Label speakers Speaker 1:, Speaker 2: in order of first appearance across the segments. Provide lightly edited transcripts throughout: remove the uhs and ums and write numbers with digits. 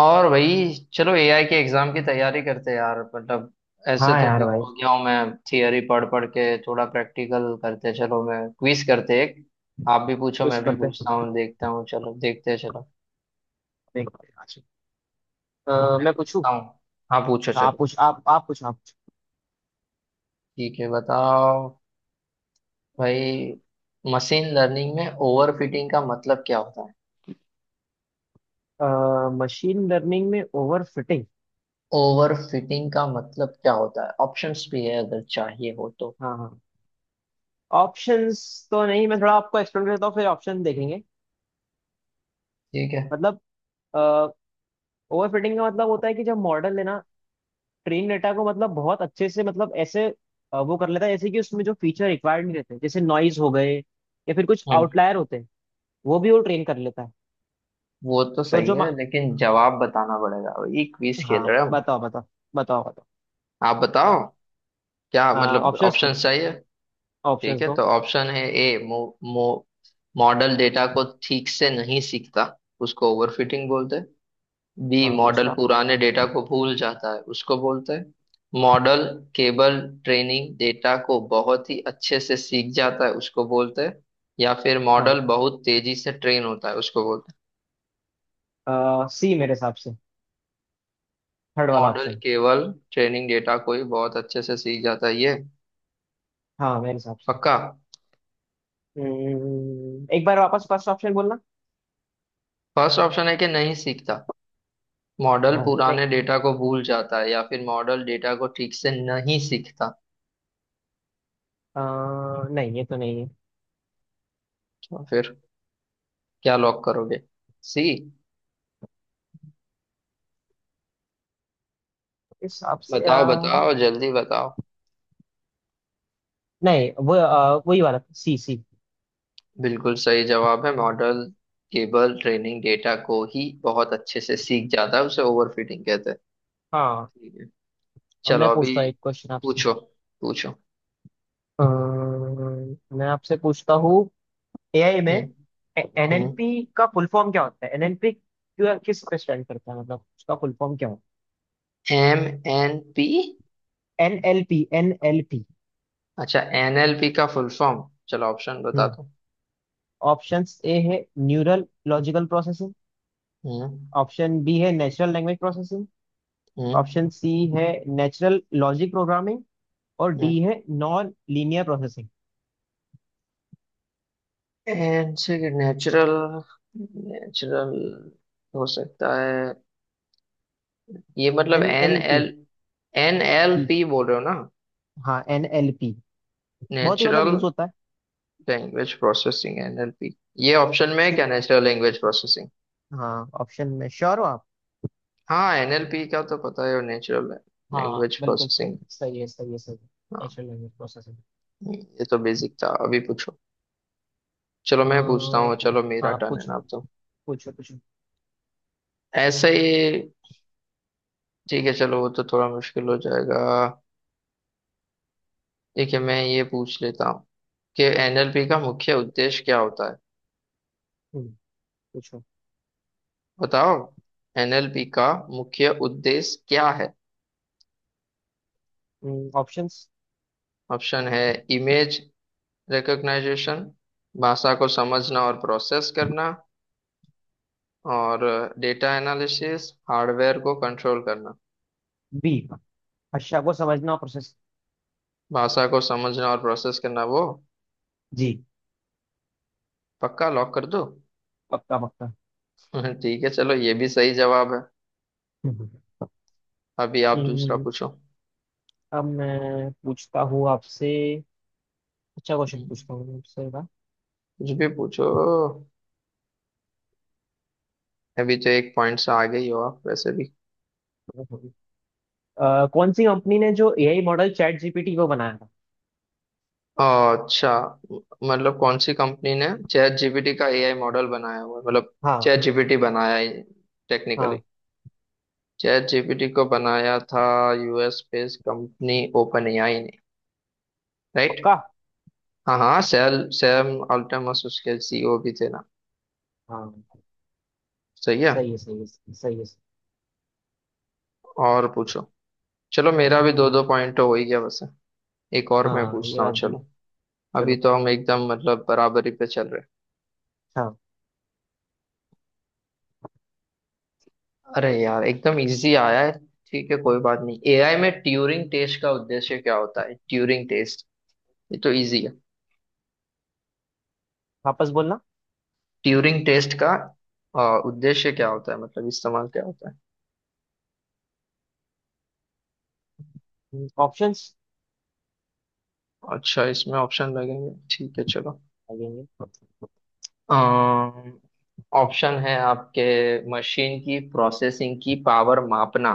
Speaker 1: और भाई, चलो एआई के एग्जाम की तैयारी करते हैं यार। मतलब ऐसे
Speaker 2: हाँ
Speaker 1: तो
Speaker 2: यार
Speaker 1: बोर
Speaker 2: भाई,
Speaker 1: हो गया हूँ मैं। थियरी पढ़ पढ़ के थोड़ा प्रैक्टिकल करते हैं। चलो मैं क्विज करते हैं एक, आप भी पूछो
Speaker 2: कुछ
Speaker 1: मैं भी
Speaker 2: करते
Speaker 1: पूछता
Speaker 2: हैं।
Speaker 1: हूँ, देखता हूँ चलो। देखते हैं चलो,
Speaker 2: देखते हैं आज।
Speaker 1: मैं
Speaker 2: मैं पूछूं।
Speaker 1: पूछता हूँ। हाँ पूछो
Speaker 2: आप
Speaker 1: चलो,
Speaker 2: पूछ आप आप पूछ आप पूछ
Speaker 1: ठीक है बताओ भाई। मशीन लर्निंग में ओवरफिटिंग का मतलब क्या होता है?
Speaker 2: मशीन लर्निंग में ओवर फिटिंग।
Speaker 1: ओवरफिटिंग का मतलब क्या होता है, ऑप्शंस भी है अगर चाहिए हो तो।
Speaker 2: हाँ हाँ, ऑप्शंस तो नहीं, मैं थोड़ा आपको एक्सप्लेन करता हूँ फिर ऑप्शन देखेंगे।
Speaker 1: ठीक है।
Speaker 2: मतलब ओवर फिटिंग का मतलब होता है कि जब मॉडल है ना, ट्रेन डेटा को मतलब बहुत अच्छे से, मतलब ऐसे वो कर लेता है, जैसे कि उसमें जो फीचर रिक्वायर्ड नहीं रहते, जैसे नॉइज हो गए या फिर कुछ
Speaker 1: हम्म।
Speaker 2: आउटलायर होते हैं, वो भी वो ट्रेन कर लेता है।
Speaker 1: वो तो
Speaker 2: तो
Speaker 1: सही
Speaker 2: जो
Speaker 1: है
Speaker 2: मा-
Speaker 1: लेकिन जवाब बताना पड़ेगा, ये क्विज
Speaker 2: हाँ
Speaker 1: खेल रहे हैं हम।
Speaker 2: बताओ बताओ, बताओ बताओ।
Speaker 1: आप बताओ, क्या मतलब
Speaker 2: ऑप्शंस दो,
Speaker 1: ऑप्शंस चाहिए?
Speaker 2: ऑप्शंस
Speaker 1: ठीक है
Speaker 2: दो।
Speaker 1: तो ऑप्शन है ए, मो, मो, मॉडल डेटा को ठीक से नहीं सीखता उसको ओवरफिटिंग बोलते हैं। बी,
Speaker 2: हाँ,
Speaker 1: मॉडल
Speaker 2: दूसरा।
Speaker 1: पुराने डेटा को भूल जाता है उसको बोलते हैं। मॉडल केबल ट्रेनिंग डेटा को बहुत ही अच्छे से सीख जाता है उसको बोलते हैं। या फिर मॉडल बहुत तेजी से ट्रेन होता है उसको बोलते हैं।
Speaker 2: हाँ, सी मेरे हिसाब से, थर्ड वाला
Speaker 1: मॉडल
Speaker 2: ऑप्शन।
Speaker 1: केवल ट्रेनिंग डेटा को ही बहुत अच्छे से सीख जाता है, ये
Speaker 2: हाँ मेरे हिसाब से।
Speaker 1: पक्का?
Speaker 2: एक बार वापस फर्स्ट ऑप्शन बोलना।
Speaker 1: फर्स्ट ऑप्शन है कि नहीं सीखता, मॉडल
Speaker 2: हाँ नहीं,
Speaker 1: पुराने डेटा को भूल जाता है, या फिर मॉडल डेटा को ठीक से नहीं सीखता।
Speaker 2: नहीं ये तो नहीं है।
Speaker 1: तो फिर क्या लॉक करोगे? सी।
Speaker 2: इस हिसाब से
Speaker 1: बताओ
Speaker 2: यार,
Speaker 1: बताओ जल्दी बताओ।
Speaker 2: नहीं वो वही वाला, सी सी।
Speaker 1: बिल्कुल सही जवाब है, मॉडल केवल ट्रेनिंग डेटा को ही बहुत अच्छे से सीख जाता है उसे ओवरफिटिंग कहते हैं।
Speaker 2: हाँ।
Speaker 1: ठीक है
Speaker 2: अब मैं
Speaker 1: चलो अभी
Speaker 2: पूछता हूँ एक क्वेश्चन आपसे।
Speaker 1: पूछो, पूछो।
Speaker 2: अ, मैं आपसे पूछता हूँ। एआई में
Speaker 1: हम्म। हम्म।
Speaker 2: एनएलपी का फुल फॉर्म क्या होता है? एनएलपी किस पे स्टैंड करता है, मतलब उसका फुल फॉर्म क्या होता
Speaker 1: एम एन पी।
Speaker 2: है? NLP NLP.
Speaker 1: अच्छा, एनएलपी का फुल फॉर्म, चलो ऑप्शन बता दो।
Speaker 2: ऑप्शन ए है neural logical processing,
Speaker 1: hmm.
Speaker 2: Option B है natural language processing,
Speaker 1: hmm.
Speaker 2: Option C है नेचुरल लॉजिक प्रोग्रामिंग, और
Speaker 1: हम्म।
Speaker 2: डी है नॉन लीनियर प्रोसेसिंग।
Speaker 1: एन से नेचुरल, नेचुरल हो सकता है। ये मतलब
Speaker 2: N
Speaker 1: N
Speaker 2: L P.
Speaker 1: L, N L P बोल रहे हो ना?
Speaker 2: हाँ एन एल पी बहुत ही, मतलब,
Speaker 1: नेचुरल
Speaker 2: यूज होता है।
Speaker 1: Language processing NLP. ये ऑप्शन में है
Speaker 2: इसके-
Speaker 1: क्या, नेचुरल लैंग्वेज प्रोसेसिंग?
Speaker 2: हाँ, ऑप्शन में श्योर हो आप?
Speaker 1: हाँ एनएलपी का तो पता है, और नेचुरल
Speaker 2: हाँ
Speaker 1: लैंग्वेज
Speaker 2: बिल्कुल,
Speaker 1: प्रोसेसिंग।
Speaker 2: सही सही है, सही है, सही है।
Speaker 1: हाँ
Speaker 2: नेचुरल लैंग्वेज प्रोसेसिंग।
Speaker 1: ये तो बेसिक था, अभी पूछो। चलो मैं पूछता हूँ, चलो मेरा
Speaker 2: हाँ
Speaker 1: टर्न है
Speaker 2: पूछो
Speaker 1: ना अब तो।
Speaker 2: पूछो पूछो।
Speaker 1: ऐसे ही ठीक है चलो, वो तो थोड़ा मुश्किल हो जाएगा। ठीक है मैं ये पूछ लेता हूँ कि एनएलपी का मुख्य उद्देश्य क्या होता है।
Speaker 2: हम्म, पूछो।
Speaker 1: बताओ, एनएलपी का मुख्य उद्देश्य क्या है?
Speaker 2: ऑप्शन
Speaker 1: ऑप्शन है: इमेज रिकग्नाइजेशन, भाषा को समझना और प्रोसेस करना, और डेटा एनालिसिस, हार्डवेयर को कंट्रोल करना।
Speaker 2: बी, भाषा को समझना और प्रोसेस।
Speaker 1: भाषा को समझना और प्रोसेस करना वो?
Speaker 2: जी,
Speaker 1: पक्का लॉक कर दो?
Speaker 2: पक्का पक्का।
Speaker 1: ठीक है चलो, ये भी सही जवाब है।
Speaker 2: हम्म।
Speaker 1: अभी आप दूसरा
Speaker 2: इन-
Speaker 1: पूछो।
Speaker 2: अब मैं पूछता हूँ आपसे, अच्छा क्वेश्चन
Speaker 1: हम्म,
Speaker 2: पूछता हूँ आपसे ना।
Speaker 1: कुछ भी पूछो, अभी तो एक पॉइंट से आगे ही हो आप वैसे भी।
Speaker 2: कौन सी कंपनी ने जो एआई मॉडल चैट जीपीटी को बनाया था?
Speaker 1: अच्छा, मतलब कौन सी कंपनी ने चैट जीपीटी का एआई मॉडल बनाया हुआ है? मतलब
Speaker 2: हाँ
Speaker 1: चैट जीपीटी बनाया है टेक्निकली,
Speaker 2: हाँ,
Speaker 1: चैट जीपीटी को बनाया था US based company Open AI ने, राइट?
Speaker 2: पक्का।
Speaker 1: हाँ हाँ, सैल सैम अल्टमस उसके सीईओ भी थे ना।
Speaker 2: हाँ
Speaker 1: सही है।
Speaker 2: सही है, सही है, सही है, सही
Speaker 1: और पूछो, चलो मेरा
Speaker 2: है।
Speaker 1: भी दो दो पॉइंट हो ही गया वैसे। एक और मैं
Speaker 2: हाँ ये
Speaker 1: पूछता हूँ
Speaker 2: बात भी।
Speaker 1: चलो,
Speaker 2: चलो
Speaker 1: अभी
Speaker 2: फिर।
Speaker 1: तो हम एकदम मतलब बराबरी पे चल रहे हैं।
Speaker 2: हाँ,
Speaker 1: अरे यार एकदम इजी आया है। ठीक है कोई बात नहीं, एआई में ट्यूरिंग टेस्ट का उद्देश्य क्या होता है? ट्यूरिंग टेस्ट, ये तो इजी है।
Speaker 2: वापस बोलना।
Speaker 1: ट्यूरिंग टेस्ट का उद्देश्य क्या होता है, मतलब इस्तेमाल क्या होता है?
Speaker 2: ऑप्शंस
Speaker 1: अच्छा इसमें ऑप्शन लगेंगे, ठीक है चलो।
Speaker 2: लगेंगे।
Speaker 1: अम्म, ऑप्शन है आपके: मशीन की प्रोसेसिंग की पावर मापना,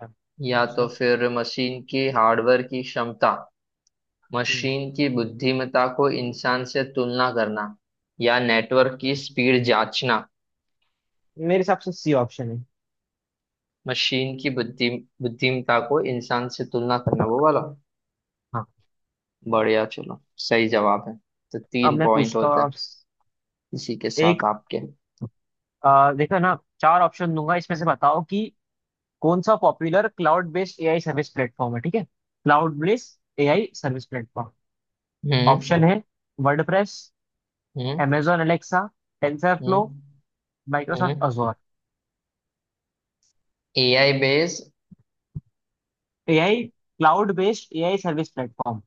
Speaker 2: हाँ,
Speaker 1: या तो
Speaker 2: दूसरा।
Speaker 1: फिर मशीन की हार्डवेयर की क्षमता,
Speaker 2: हम्म,
Speaker 1: मशीन की बुद्धिमत्ता को इंसान से तुलना करना, या नेटवर्क की स्पीड जांचना।
Speaker 2: मेरे हिसाब से सी ऑप्शन है।
Speaker 1: मशीन की बुद्धिमत्ता को इंसान से तुलना करना, वो वाला।
Speaker 2: हाँ,
Speaker 1: बढ़िया चलो, सही जवाब है। तो
Speaker 2: अब
Speaker 1: तीन
Speaker 2: मैं
Speaker 1: पॉइंट
Speaker 2: पूछता हूँ
Speaker 1: होते हैं इसी के
Speaker 2: एक।
Speaker 1: साथ आपके।
Speaker 2: देखो ना, चार ऑप्शन दूंगा, इसमें से बताओ कि कौन सा popular cloud based AI service platform है। ठीक है, cloud based AI service platform. Option
Speaker 1: hmm.
Speaker 2: है WordPress, amazon Alexa, TensorFlow,
Speaker 1: hmm.
Speaker 2: Microsoft
Speaker 1: hmm.
Speaker 2: Azure
Speaker 1: AI base,
Speaker 2: AI. Cloud based AI service platform.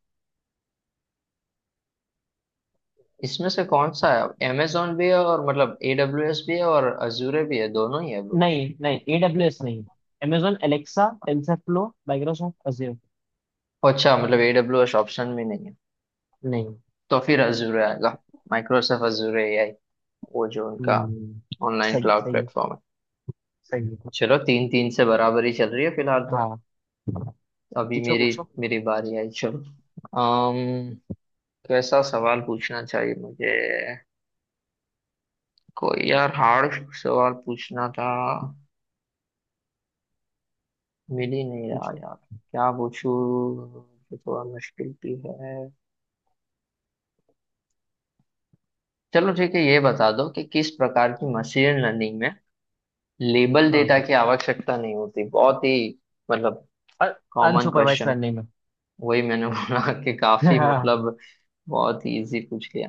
Speaker 1: इसमें से कौन सा है? अमेजोन भी है और मतलब एडब्ल्यूएस भी है, और अजूरे भी है, दोनों ही है।
Speaker 2: नहीं नहीं, एडब्ल्यूएस नहीं। amazon Alexa, TensorFlow, Microsoft Azure.
Speaker 1: अच्छा मतलब AWS ऑप्शन में नहीं है।
Speaker 2: नहीं।
Speaker 1: तो फिर अजूर आएगा, माइक्रोसॉफ्ट अजूर एआई, वो जो उनका
Speaker 2: हम्म,
Speaker 1: ऑनलाइन
Speaker 2: सही,
Speaker 1: क्लाउड
Speaker 2: सही है,
Speaker 1: प्लेटफॉर्म है।
Speaker 2: सही है।
Speaker 1: चलो तीन तीन से बराबरी चल रही है फिलहाल तो।
Speaker 2: हाँ
Speaker 1: अभी
Speaker 2: पूछो
Speaker 1: मेरी
Speaker 2: पूछो
Speaker 1: मेरी बारी आई, चलो। अम्म कैसा सवाल पूछना चाहिए मुझे, कोई यार हार्ड सवाल पूछना था, मिल ही नहीं रहा
Speaker 2: पूछो।
Speaker 1: यार, क्या पूछूं जो थोड़ा मुश्किल भी है। चलो ठीक है, ये बता दो कि किस प्रकार की मशीन लर्निंग में लेबल
Speaker 2: हाँ,
Speaker 1: डेटा की आवश्यकता नहीं होती? बहुत ही मतलब कॉमन
Speaker 2: अनसुपरवाइज
Speaker 1: क्वेश्चन,
Speaker 2: लर्निंग में।
Speaker 1: वही मैंने बोला कि काफी
Speaker 2: हाँ।
Speaker 1: मतलब बहुत ही इजी पूछ लिया।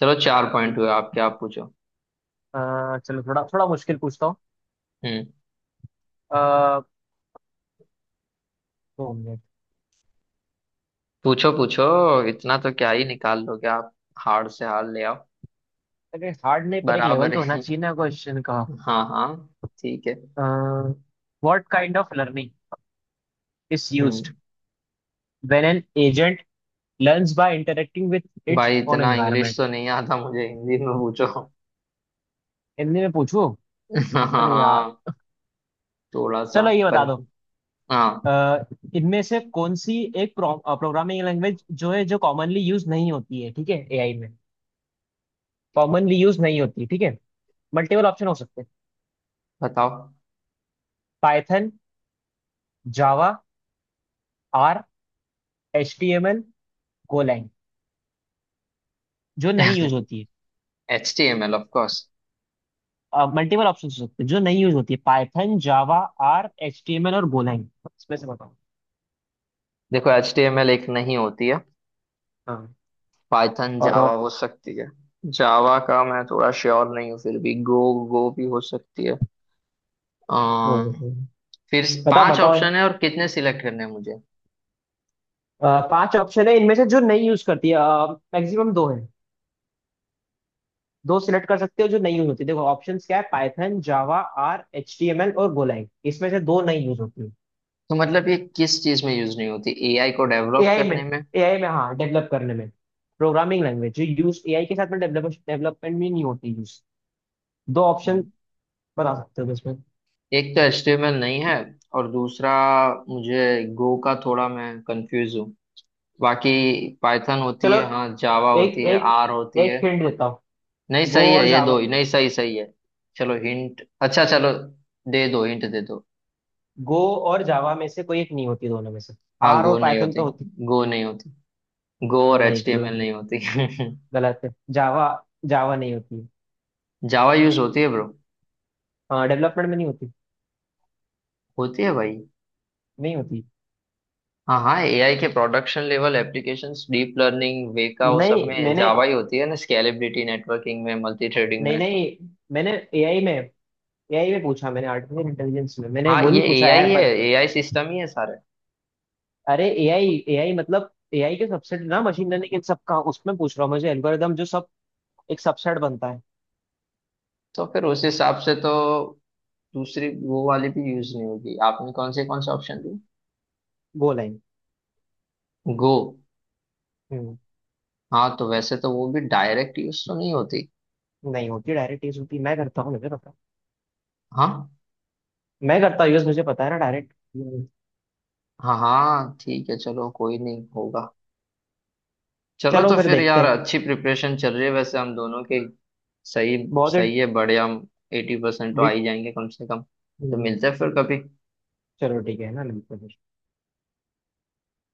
Speaker 1: चलो चार पॉइंट हुए आपके, आप पूछो।
Speaker 2: चलो थोड़ा थोड़ा मुश्किल पूछता हूँ।
Speaker 1: हम्म।
Speaker 2: अ, 2 मिनट।
Speaker 1: पूछो, पूछो। इतना तो क्या ही निकाल लोगे आप, हार से हार ले आओ,
Speaker 2: अरे हार्ड नहीं, पर एक लेवल
Speaker 1: बराबर
Speaker 2: तो होना
Speaker 1: है।
Speaker 2: चाहिए ना क्वेश्चन का।
Speaker 1: हाँ हाँ ठीक है।
Speaker 2: What kind of learning is
Speaker 1: hmm.
Speaker 2: Used when an agent learns by interacting with its
Speaker 1: भाई
Speaker 2: ओन
Speaker 1: इतना इंग्लिश
Speaker 2: एनवायरनमेंट।
Speaker 1: तो नहीं आता मुझे, हिंदी में पूछो।
Speaker 2: हिंदी में पूछो।
Speaker 1: हाँ
Speaker 2: अरे यार,
Speaker 1: हाँ, थोड़ा सा
Speaker 2: चलो ये बता
Speaker 1: कन,
Speaker 2: दो।
Speaker 1: हाँ
Speaker 2: अ, इनमें से कौन सी एक प्रोग्रामिंग लैंग्वेज जो है, जो कॉमनली यूज नहीं होती है? ठीक है, एआई में कॉमनली यूज नहीं होती। ठीक है, मल्टीपल ऑप्शन हो सकते हैं।
Speaker 1: बताओ।
Speaker 2: Python, Java, R, H T M L, Golang. जो नहीं यूज होती है।
Speaker 1: H T M L of.
Speaker 2: Multiple option हो सकते हैं, जो नहीं यूज होती है। Python, Java, R, H T M L और गोlang, इसमें से बताओ।
Speaker 1: देखो एचटीएमएल एक नहीं होती है,
Speaker 2: हाँ,
Speaker 1: पाइथन
Speaker 2: और
Speaker 1: जावा
Speaker 2: और।
Speaker 1: हो सकती है, जावा का मैं थोड़ा श्योर नहीं हूँ, फिर भी गो, गो भी हो सकती है।
Speaker 2: हम्म,
Speaker 1: अम,
Speaker 2: हम्म।
Speaker 1: फिर
Speaker 2: बताओ
Speaker 1: पांच
Speaker 2: बताओ।
Speaker 1: ऑप्शन है और कितने सिलेक्ट करने हैं मुझे?
Speaker 2: पांच ऑप्शन है, इनमें से जो नहीं यूज करती है, मैक्सिमम दो है। दो सिलेक्ट कर सकते हो, जो नहीं यूज होती। देखो ऑप्शंस क्या है, Python, Java, R, H T M L और गोलैंग। इसमें से दो नहीं यूज होती है।
Speaker 1: तो मतलब ये किस चीज में यूज नहीं होती, एआई को डेवलप
Speaker 2: एआई में।
Speaker 1: करने में?
Speaker 2: एआई में, हाँ, डेवलप करने में। प्रोग्रामिंग लैंग्वेज जो यूज एआई के साथ में डेवलपमेंट में नहीं होती यूज। दो ऑप्शन
Speaker 1: हम्म।
Speaker 2: बता सकते हो इसमें?
Speaker 1: एक तो एचटीएमएल नहीं है, और दूसरा मुझे गो का थोड़ा मैं कंफ्यूज हूँ, बाकी पाइथन होती
Speaker 2: चलो,
Speaker 1: है हाँ, जावा
Speaker 2: एक
Speaker 1: होती है,
Speaker 2: एक,
Speaker 1: आर होती है।
Speaker 2: एक हिंट देता।
Speaker 1: नहीं
Speaker 2: गो
Speaker 1: सही
Speaker 2: और
Speaker 1: है ये दो
Speaker 2: जावा।
Speaker 1: ही, नहीं सही सही है। चलो हिंट, अच्छा चलो दे दो, हिंट दे दो।
Speaker 2: गो और जावा में से कोई एक नहीं होती, दोनों में से।
Speaker 1: हाँ
Speaker 2: आर और
Speaker 1: गो नहीं
Speaker 2: पाइथन
Speaker 1: होती।
Speaker 2: तो होती।
Speaker 1: गो नहीं होती, गो और
Speaker 2: नहीं गलत,
Speaker 1: एचटीएमएल नहीं होती।
Speaker 2: गलत है जावा, जावा नहीं होती।
Speaker 1: जावा यूज होती है ब्रो,
Speaker 2: हाँ, डेवलपमेंट में नहीं होती,
Speaker 1: होती है भाई।
Speaker 2: नहीं होती।
Speaker 1: हाँ हाँ एआई के production level applications deep learning Weka वो सब
Speaker 2: नहीं
Speaker 1: में
Speaker 2: मैंने,
Speaker 1: जावा ही होती है ना, स्केलेबिलिटी नेटवर्किंग में, मल्टी थ्रेडिंग
Speaker 2: नहीं
Speaker 1: में।
Speaker 2: नहीं, मैंने एआई में, एआई में पूछा मैंने, आर्टिफिशियल इंटेलिजेंस में मैंने,
Speaker 1: हाँ
Speaker 2: वो
Speaker 1: ये
Speaker 2: नहीं पूछा
Speaker 1: एआई
Speaker 2: ऐप
Speaker 1: है,
Speaker 2: पर।
Speaker 1: एआई सिस्टम ही है सारे।
Speaker 2: अरे एआई एआई मतलब एआई के सबसेट ना, मशीन लर्निंग इन सब का उसमें पूछ रहा हूँ, मुझे एल्गोरिदम जो सब एक सबसेट बनता है।
Speaker 1: तो फिर उस हिसाब से तो दूसरी वो वाली भी यूज नहीं होगी, आपने कौन से ऑप्शन दिए?
Speaker 2: वो लाइन।
Speaker 1: गो?
Speaker 2: हम्म
Speaker 1: हाँ तो वैसे तो वो भी डायरेक्ट यूज तो नहीं होती।
Speaker 2: नहीं होती डायरेक्ट, यूज होती, मैं करता हूँ, मुझे पता
Speaker 1: हाँ
Speaker 2: है। मैं करता हूँ यूज, मुझे पता है ना डायरेक्ट।
Speaker 1: हाँ हाँ ठीक है चलो, कोई नहीं होगा। चलो
Speaker 2: चलो
Speaker 1: तो
Speaker 2: फिर
Speaker 1: फिर
Speaker 2: देखते
Speaker 1: यार
Speaker 2: हैं।
Speaker 1: अच्छी प्रिपरेशन चल रही है वैसे हम दोनों की। सही
Speaker 2: बहुत ही
Speaker 1: सही है, बढ़िया, हम 80% तो आ
Speaker 2: डिट-
Speaker 1: ही जाएंगे कम से कम। तो
Speaker 2: हम्म,
Speaker 1: मिलते हैं फिर कभी।
Speaker 2: चलो ठीक है ना, मिलते हैं फिर।